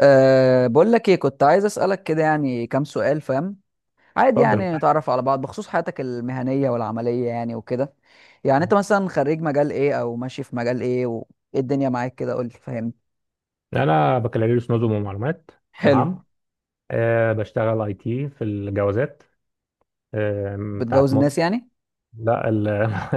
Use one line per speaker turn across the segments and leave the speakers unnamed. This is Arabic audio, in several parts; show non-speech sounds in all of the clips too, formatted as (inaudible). بقول لك ايه، كنت عايز اسالك كده، يعني كام سؤال فاهم؟ عادي
اتفضل.
يعني نتعرف على بعض بخصوص حياتك المهنيه والعمليه يعني وكده. يعني انت مثلا خريج مجال ايه او ماشي في مجال ايه، وايه الدنيا معاك كده؟ قول لي فاهمني.
انا بكالوريوس نظم ومعلومات.
حلو.
تمام. بشتغل اي تي في الجوازات. أه.
بتجوز
بتاعت
الناس
مصر.
يعني؟
لا ال-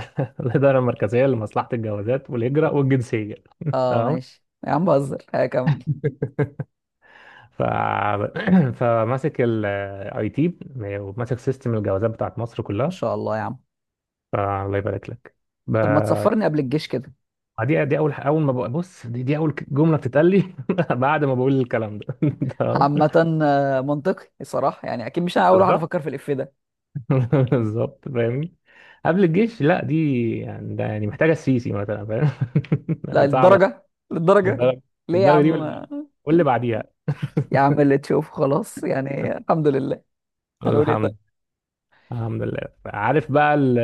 (laughs) الاداره المركزيه لمصلحه الجوازات والهجره والجنسيه. (laughs)
اه
تمام.
ماشي يا عم بهزر. (laughs) هكمل.
ف... (clears throat) فماسك الاي تي وماسك سيستم الجوازات بتاعت مصر
ما
كلها.
شاء الله يا عم.
فالله يبارك لك. ب...
طب ما تسفرني قبل الجيش كده؟
دي اول اول ما بق- بص، دي اول جمله بتتقال لي (laughs) بعد ما بقول الكلام ده. (laughs) تمام.
عامه آه، منطقي الصراحه، يعني اكيد مش انا اول واحد
بالظبط.
افكر في الاف ده.
(laughs) بالظبط، فاهمني؟ قبل الجيش، لا دي يعني ده يعني محتاجه السيسي مثلا، فاهم؟ (laughs)
لا
يعني صعبه.
للدرجه.
للدرجه
ليه يا
للدرجه
عم ما...
واللي بعديها.
يا عم اللي تشوفه خلاص يعني، الحمد لله. هنقول ايه طيب.
الحمد الحمد لله. عارف بقى ال-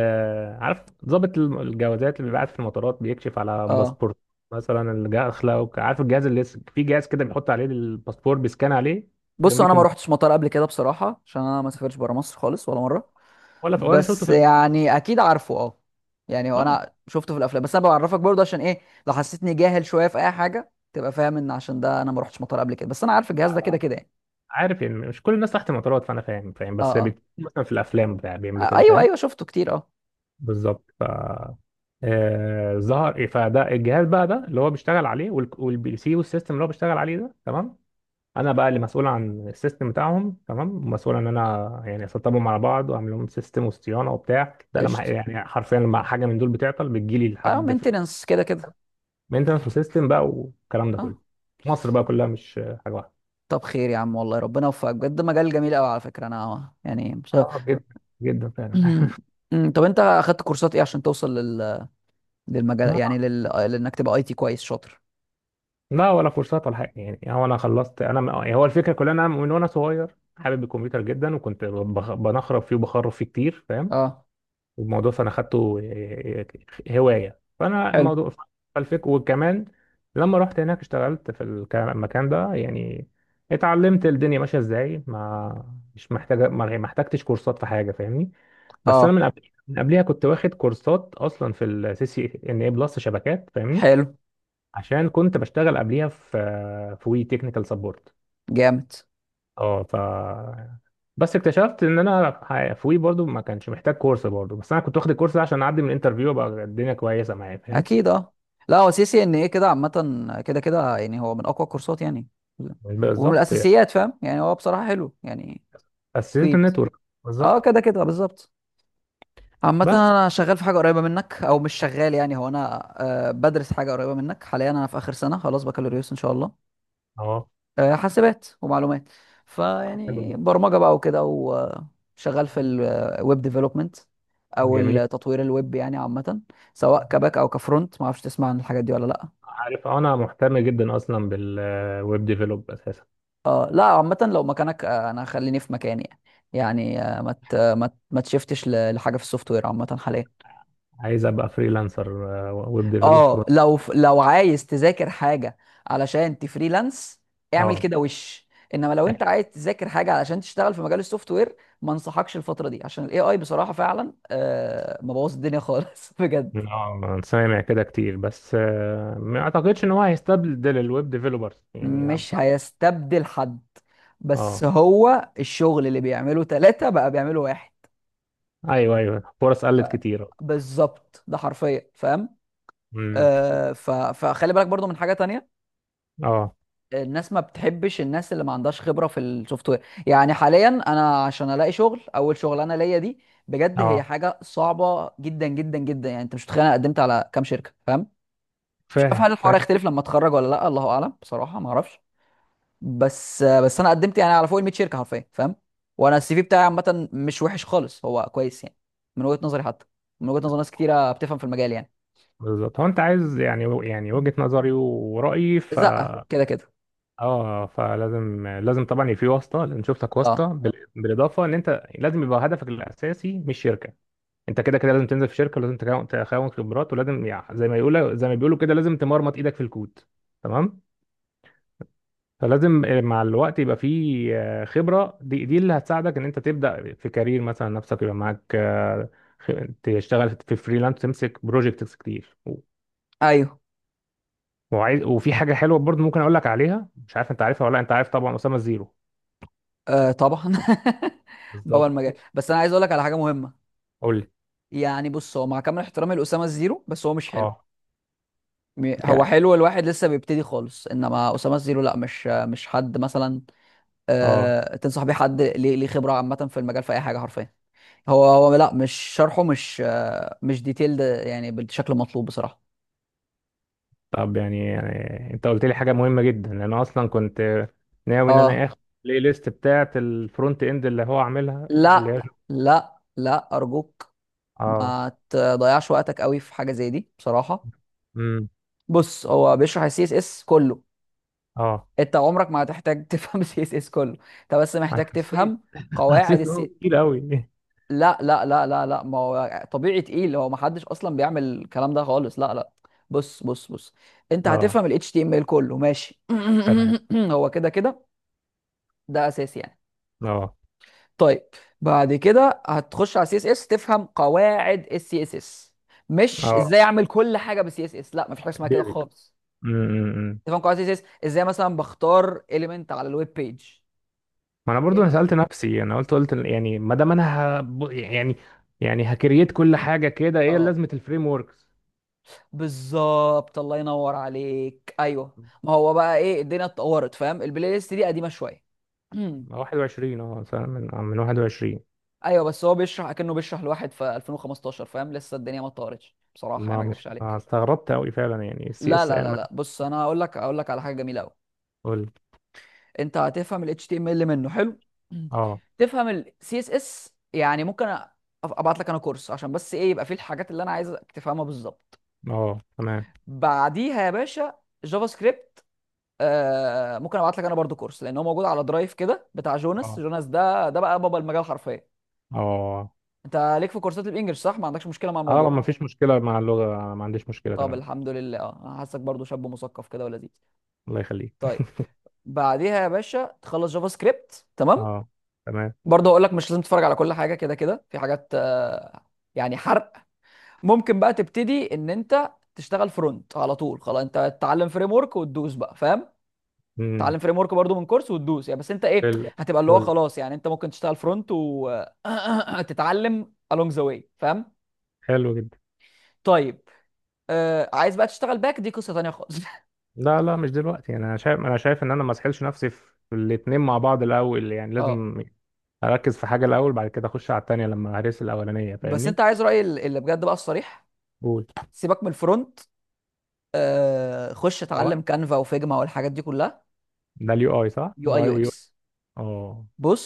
عارف ضابط الجوازات اللي بيبعت في المطارات بيكشف على
اه.
باسبورت، مثلا الداخله، عارف الجهاز في جهاز كده بيحط عليه الباسبور بيسكان عليه؟
بصوا، انا ما
جنبيكم.
روحتش مطار قبل كده بصراحه، عشان انا ما سافرتش بره مصر خالص ولا مره،
ولا شفته
بس
في
يعني اكيد عارفه. اه يعني هو
الافلام.
انا شفته في الافلام، بس انا بعرفك برضه عشان ايه، لو حسيتني جاهل شويه في اي حاجه تبقى فاهم ان عشان ده انا ما روحتش مطار قبل كده، بس انا عارف الجهاز
لا
ده كده
لا،
كده يعني.
عارف يعني مش كل الناس تحت المطارات، فانا فاهم،
اه
بس
اه
مثلا في الافلام بتاع بيعملوا
آه،
كده،
ايوه
فاهم؟
ايوه شفته كتير اه.
بالظبط. ف آه، ظهر إيه، فده الجهاز بقى ده اللي هو بيشتغل عليه، والبي سي والسيستم اللي هو بيشتغل عليه ده. تمام. انا بقى اللي مسؤول عن السيستم بتاعهم، تمام، مسؤول ان انا يعني اسطبهم على بعض واعمل لهم سيستم وصيانه وبتاع ده، لما
قشطه.
يعني حرفيا لما حاجه من دول بتعطل بتجيلي
اه
لحد.
مينتننس كده كده.
مينتنس وسيستم بقى والكلام ده
اه
كله. مصر بقى كلها مش حاجه واحده.
طب خير يا عم، والله ربنا يوفقك بجد، مجال جميل قوي على فكره، انا يعني مش (laughs)
جدا. جدا فعلا.
(clears throat) طب انت اخدت كورسات ايه عشان توصل لل للمجال يعني
(laughs)
لل... لانك تبقى اي تي كويس شاطر؟
لا ولا كورسات ولا حاجه، يعني هو انا خلصت، هو الفكره كلها إن انا من وانا صغير حابب الكمبيوتر جدا، وكنت بنخرب فيه وبخرب فيه كتير، فاهم؟
اه.
والموضوع، فانا خدته إيه، إيه، هوايه، فانا
حلو.
الموضوع. فالفك، وكمان لما رحت هناك اشتغلت في المكان ده، يعني اتعلمت الدنيا ماشيه ازاي، ما مش محتاجه ما ما احتجتش كورسات في حاجه، فاهمني؟ بس انا من
اه
قبل، من قبليها كنت واخد كورسات اصلا في السي سي ان اي بلس شبكات، فاهمني؟
حلو.
عشان كنت بشتغل قبليها في في وي تكنيكال سبورت.
جامد.
اه ف بس اكتشفت ان في وي برضو ما كانش محتاج كورس برضو، بس انا كنت واخد الكورس ده عشان اعدي من الانترفيو، بقى الدنيا كويسه معايا، فاهم؟
اكيد اه. لا هو سي سي ان ايه كده عامه كده كده يعني، هو من اقوى الكورسات يعني،
حلو،
ومن
بالظبط.
الاساسيات فاهم، يعني هو بصراحه حلو يعني.
اسست
مفيد.
النتورك.
اه
بالظبط.
كده كده بالظبط. عامه
بس
انا شغال في حاجه قريبه منك او مش شغال، يعني هو انا آه بدرس حاجه قريبه منك حاليا، انا في اخر سنه خلاص بكالوريوس ان شاء الله
اه.
آه، حاسبات ومعلومات.
حلو
فيعني
جدا.
برمجه بقى وكده، وشغال في الويب ديفلوبمنت، او
جميل.
التطوير الويب يعني عامه، سواء كباك او كفرونت. ما اعرفش تسمع عن الحاجات دي ولا لا؟
عارف، أه، انا مهتم جدا اصلا بالويب ديفلوب اساسا.
اه. لا عامه لو مكانك آه، انا خليني في مكاني، يعني آه، ما تشفتش لحاجه في السوفت وير عامه حاليا.
عايز ابقى فريلانسر ويب ديفلوب
اه
فرونت.
لو لو عايز تذاكر حاجه علشان تفريلانس، اعمل
اه
كده وش. انما لو انت عايز تذاكر حاجه علشان تشتغل في مجال السوفت وير، ما انصحكش الفتره دي عشان الاي اي بصراحه فعلا آه مبوظ الدنيا خالص (laughs) بجد.
اه، سامع كده كتير، بس ما اعتقدش ان هو هيستبدل الويب ديفيلوبرز يعني
مش
بصراحة.
هيستبدل حد، بس
اه.
هو الشغل اللي بيعمله ثلاثة بقى بيعمله واحد.
ايوه ايوه، فرص
ف-
قلت كتير.
بالظبط ده حرفيا فاهم.
امم
فخلي بالك برضو من حاجة تانية.
اه
الناس ما بتحبش الناس اللي ما عندهاش خبره في السوفت وير، يعني حاليا انا عشان الاقي شغل، اول شغلانه ليا دي بجد هي
اه،
حاجه صعبه جدا جدا جدا، يعني انت مش متخيل انا قدمت على كام شركه فاهم. مش عارف
فاهم
هل الحوار
فاهم
هيختلف لما اتخرج ولا لا، الله اعلم بصراحه ما اعرفش. بس انا قدمت يعني على فوق ال 100 شركه حرفيا فاهم. وانا السي في بتاعي عامه مش وحش خالص، هو كويس يعني، من وجهه نظري حتى، من وجهه نظر ناس كتيره بتفهم في المجال يعني.
بالظبط. هو انت عايز يعني، يعني
مم.
وجهة نظري ورأيي ف.
زقه كده كده.
اه، لازم طبعا يبقى في واسطة، لازم نشوف لك واسطة،
اه
بال- بالاضافة ان انت لازم يبقى هدفك الاساسي مش شركة. انت كده كده لازم تنزل في شركة، ولازم تكون خبرات، ولازم يعني زي ما يقولوا، زي ما بيقولوا كده لازم تمرمط ايدك في الكود. تمام. فلازم مع الوقت يبقى فيه خبرة، دي اللي هتساعدك ان انت تبدأ في كارير مثلا نفسك، يبقى معاك خ- تشتغل في فريلانس، تمسك بروجكتس كتير،
ايوه.
وعايز، وفي حاجة حلوة برضه ممكن اقول لك عليها، مش عارف انت عارفها ولا لأ، انت عارف طبعا أسامة زيرو.
آه طبعا. (laughs) بوع
بالظبط.
المجال، بس انا عايز اقول لك على حاجه مهمه.
قول لي.
يعني بص، هو مع كامل احترامي لاسامه الزيرو بس هو مش حلو.
اه.
هو
يعني
حلو الواحد لسه بيبتدي خالص، انما اسامه الزيرو لا، مش مش حد مثلا
اه.
آه تنصح بيه حد ليه ليه خبره عامه في المجال في اي حاجه حرفيا. هو لا، مش شرحه مش آه مش ديتيلد يعني بالشكل المطلوب بصراحه.
طب يعني انت قلت لي حاجة مهمة جدا، انا اصلا كنت ناوي ان
اه
انا اخد البلاي ليست بتاعة الفرونت اند اللي هو عاملها، اللي هي
لا لا لا ارجوك،
اه.
ما تضيعش وقتك قوي في حاجه زي دي بصراحه.
امم.
بص هو بيشرح السي اس اس كله،
اه.
انت عمرك ما هتحتاج (laughs) تفهم سي اس اس كله، انت بس
انا
محتاج تفهم قواعد
حسيت ان هو
السي.
كتير قوي.
لا، ما هو طبيعي تقيل، هو ما حدش اصلا بيعمل الكلام ده خالص، لا لا. بص، انت
اه.
هتفهم ال HTML كله ماشي؟
تمام.
(clears throat) هو كده كده ده اساسي يعني.
اه
طيب، بعد كده هتخش على سي اس اس، تفهم قواعد السي اس اس، مش ازاي
اه.
اعمل كل حاجه بالسي اس اس، لا مفيش حاجه اسمها كده
ديفيد.
خالص.
م- م- م.
تفهم قواعد السي اس اس، ازاي مثلا بختار اليمنت على الويب بيج.
ما انا برضو، انا
ال...
سألت نفسي، انا قلت يعني ما دام انا ه... يعني، يعني هكريت كل حاجة كده، ايه
اه
لازمة الفريم وركس
بالظبط الله ينور عليك، ايوه ما هو بقى ايه الدنيا اتطورت فاهم، البلاي ليست دي قديمه شويه. (clears throat)
21؟ اه مثلا من آه، من 21.
ايوه، بس هو بيشرح اكنه بيشرح لواحد في 2015 فاهم، لسه الدنيا ما اتطورتش بصراحه يعني
ما
ما
مش
اكدبش
ما
عليك.
استغربت قوي فعلا، يعني السي
لا
اس
لا
انا
لا
ما.
لا بص، انا هقول لك على حاجه جميله قوي.
قول.
انت هتفهم ال HTML منه حلو. (clears throat)
اه
تفهم ال CSS، يعني ممكن ابعت لك انا كورس عشان بس ايه يبقى فيه الحاجات اللي انا عايزك تفهمها بالظبط.
اه. تمام.
بعديها يا باشا جافا سكريبت آه، ممكن ابعت لك انا برضو كورس لان هو موجود على درايف كده بتاع جوناس.
اه
جوناس ده بقى بابا المجال حرفيا.
اه
انت ليك في كورسات الانجليش صح؟ ما عندكش مشكله مع
اه.
الموضوع؟
ما فيش مشكلة مع اللغة، أنا ما عنديش مشكلة.
طب
تمام.
الحمد لله، اه أنا حاسك برضو شاب مثقف كده ولذيذ.
الله يخليك.
طيب بعديها يا باشا تخلص جافا سكريبت تمام.
اه. تمام.
برضو هقول لك مش لازم تتفرج على كل حاجه، كده كده في حاجات آه، يعني حرق. ممكن بقى تبتدي ان انت تشتغل فرونت على طول، خلاص انت تتعلم فريم ورك وتدوس بقى فاهم.
امم
تعلم فريم ورك برضو من كورس وتدوس يعني، بس انت ايه
فل.
هتبقى اللي هو
فل،
خلاص، يعني انت ممكن تشتغل فرونت وتتعلم (clears throat) along the way فاهم.
حلو جدا.
طيب آه عايز بقى تشتغل باك، دي قصة تانية خالص. (laughs)
لا لا، مش دلوقتي يعني، انا انا شايف ان انا ما اسحلش نفسي في الاتنين مع بعض الاول، يعني
اه
لازم اركز في حاجه الاول، بعد كده اخش على التانيه لما هرس الاولانيه،
بس انت
فاهمني؟
عايز رأيي اللي بجد بقى الصريح؟
قول.
سيبك من الفرونت، آه خش
يو اي.
اتعلم كانفا وفيجما والحاجات دي كلها.
ده اليو اي صح،
يو اي
يو اي
يو
ويو.
اكس.
اه.
بص،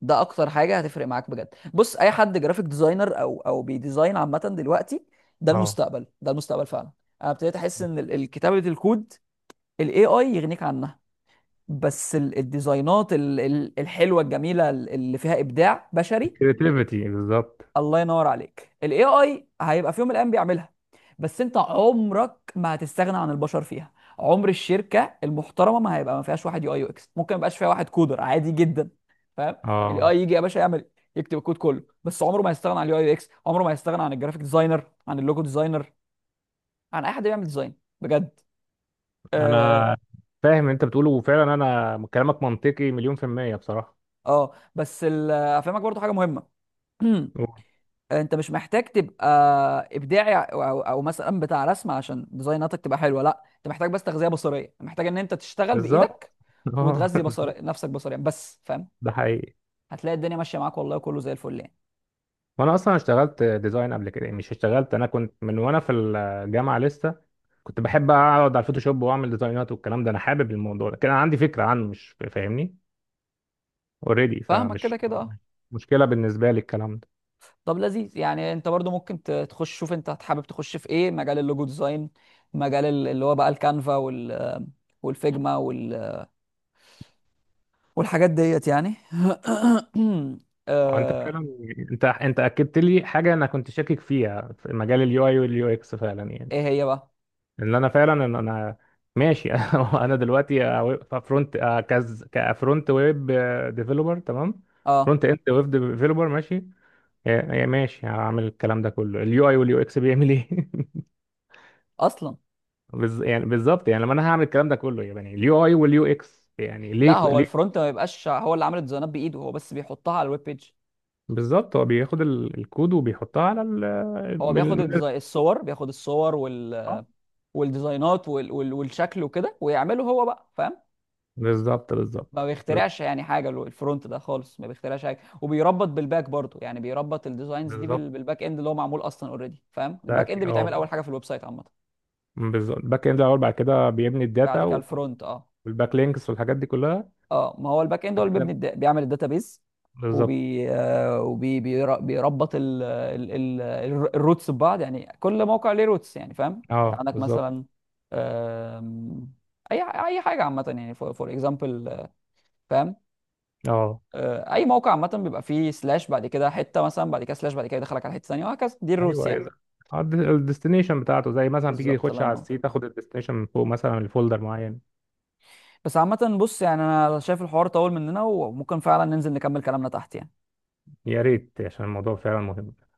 ده اكتر حاجة هتفرق معاك بجد. بص اي حد جرافيك ديزاينر او او بيديزاين عامة دلوقتي، ده
اه.
المستقبل، ده المستقبل فعلا. انا ابتديت احس ان الكتابة الكود الاي اي يغنيك عنها. بس الديزاينات الحلوه الجميله اللي فيها ابداع بشري،
كريتيفيتي، بالظبط.
الله ينور عليك، الاي اي هيبقى في يوم من الايام بيعملها، بس انت عمرك ما هتستغنى عن البشر فيها. عمر الشركه المحترمه ما هيبقى ما فيهاش واحد يو اي يو اكس، ممكن ما يبقاش فيها واحد كودر عادي جدا فاهم. الاي
اه.
اي يجي يا باشا يعمل، يكتب الكود كله، بس عمره ما هيستغنى عن اليو اي يو اكس، عمره ما هيستغنى عن الجرافيك ديزاينر، عن اللوجو ديزاينر، عن اي حد بيعمل ديزاين بجد. اه
انا فاهم انت بتقوله، وفعلا انا كلامك منطقي مليون في المية بصراحة.
آه. بس افهمك برضو حاجه مهمه. (clears throat)
أوه.
انت مش محتاج تبقى ابداعي او مثلا بتاع رسم عشان ديزايناتك تبقى حلوه، لا انت محتاج بس تغذيه بصريه، محتاج ان انت تشتغل
بالظبط.
بايدك
اه.
وتغذي بصري نفسك بصريا بس فاهم.
(laughs) ده حقيقي.
هتلاقي الدنيا ماشيه معاك والله، كله زي الفل يعني.
وانا اصلا اشتغلت ديزاين قبل كده، مش اشتغلت، انا كنت من وانا في الجامعة لسه كنت بحب اقعد على الفوتوشوب واعمل ديزاينات والكلام ده، انا حابب الموضوع ده، كان عندي فكره عنه، مش فاهمني؟ اوريدي،
فاهمك كده
فمش
كده اه.
مشكله بالنسبه لي الكلام ده.
طب لذيذ يعني، انت برضو ممكن تخش، شوف انت حابب تخش في ايه، مجال اللوجو ديزاين، مجال اللي هو بقى الكانفا والفيجما والحاجات ديت يعني. (clears throat)
أو انت
آه،
فعلا، انت اكدت لي حاجه انا كنت شاكك فيها في مجال اليو اي واليو اكس، فعلا يعني.
ايه هي بقى؟
ان انا فعلا، ان انا ماشي. (laughs) انا دلوقتي فرونت، كز كفرونت ويب ديفلوبر، تمام،
اه
فرونت اند ويب ديفلوبر، ماشي. يا ماشي، هعمل الكلام ده كله، اليو اي واليو اكس بيعمل ايه؟ (laughs)
اصلا.
يعني بالظبط يعني، لما انا هعمل الكلام ده كله يعني، اليو اي واليو اكس يعني ليه
لا هو
ليه.
الفرونت ما بيبقاش هو اللي عامل الديزاينات بايده، هو بس بيحطها على الويب بيج.
بالظبط، هو بياخد الكود وبيحطها على ال
هو بياخد
بال- بال-
الديزاين الصور، بياخد الصور
اه.
والديزاينات والشكل وكده ويعمله هو بقى فاهم.
بالظبط
ما
بالظبط.
بيخترعش يعني حاجه الفرونت ده خالص، ما بيخترعش حاجه، وبيربط بالباك برضه يعني، بيربط الديزاينز دي
بالظبط،
بالباك اند اللي هو معمول اصلا اوريدي فاهم.
ده
الباك اند
أكيد. اه.
بيتعمل اول حاجه في الويب سايت عامه،
بالظبط، الباك اند الاول، بعد كده بيبني
بعد
الداتا
كده الفرونت اه.
والباك لينكس والحاجات دي كلها.
اه ما هو الباك اند هو
بعد
اللي بيبني
كده.
بيعمل الداتابيز،
بالظبط.
وبي آه، وبي بير- بيربط الروتس ببعض، يعني كل موقع ليه روتس يعني فاهم. انت
اه
عندك
بالظبط.
مثلا آم، اي اي حاجه عامه يعني فور اكزامبل فاهم
اه
آه، اي موقع عامه بيبقى فيه سلاش، بعد كده حته مثلا، بعد كده سلاش، بعد كده يدخلك على حته ثانيه وهكذا، دي الروتس
ايوه
يعني.
ايوه، الديستنيشن بتاعته، زي مثلا تيجي
بالظبط
تخش
الله
على
ينور.
السي تاخد الديستنيشن من فوق مثلا الفولدر معين.
بس عامه بص، يعني انا شايف الحوار طول مننا وممكن فعلا ننزل نكمل كلامنا تحت يعني.
يا ريت، عشان الموضوع فعلا مهم.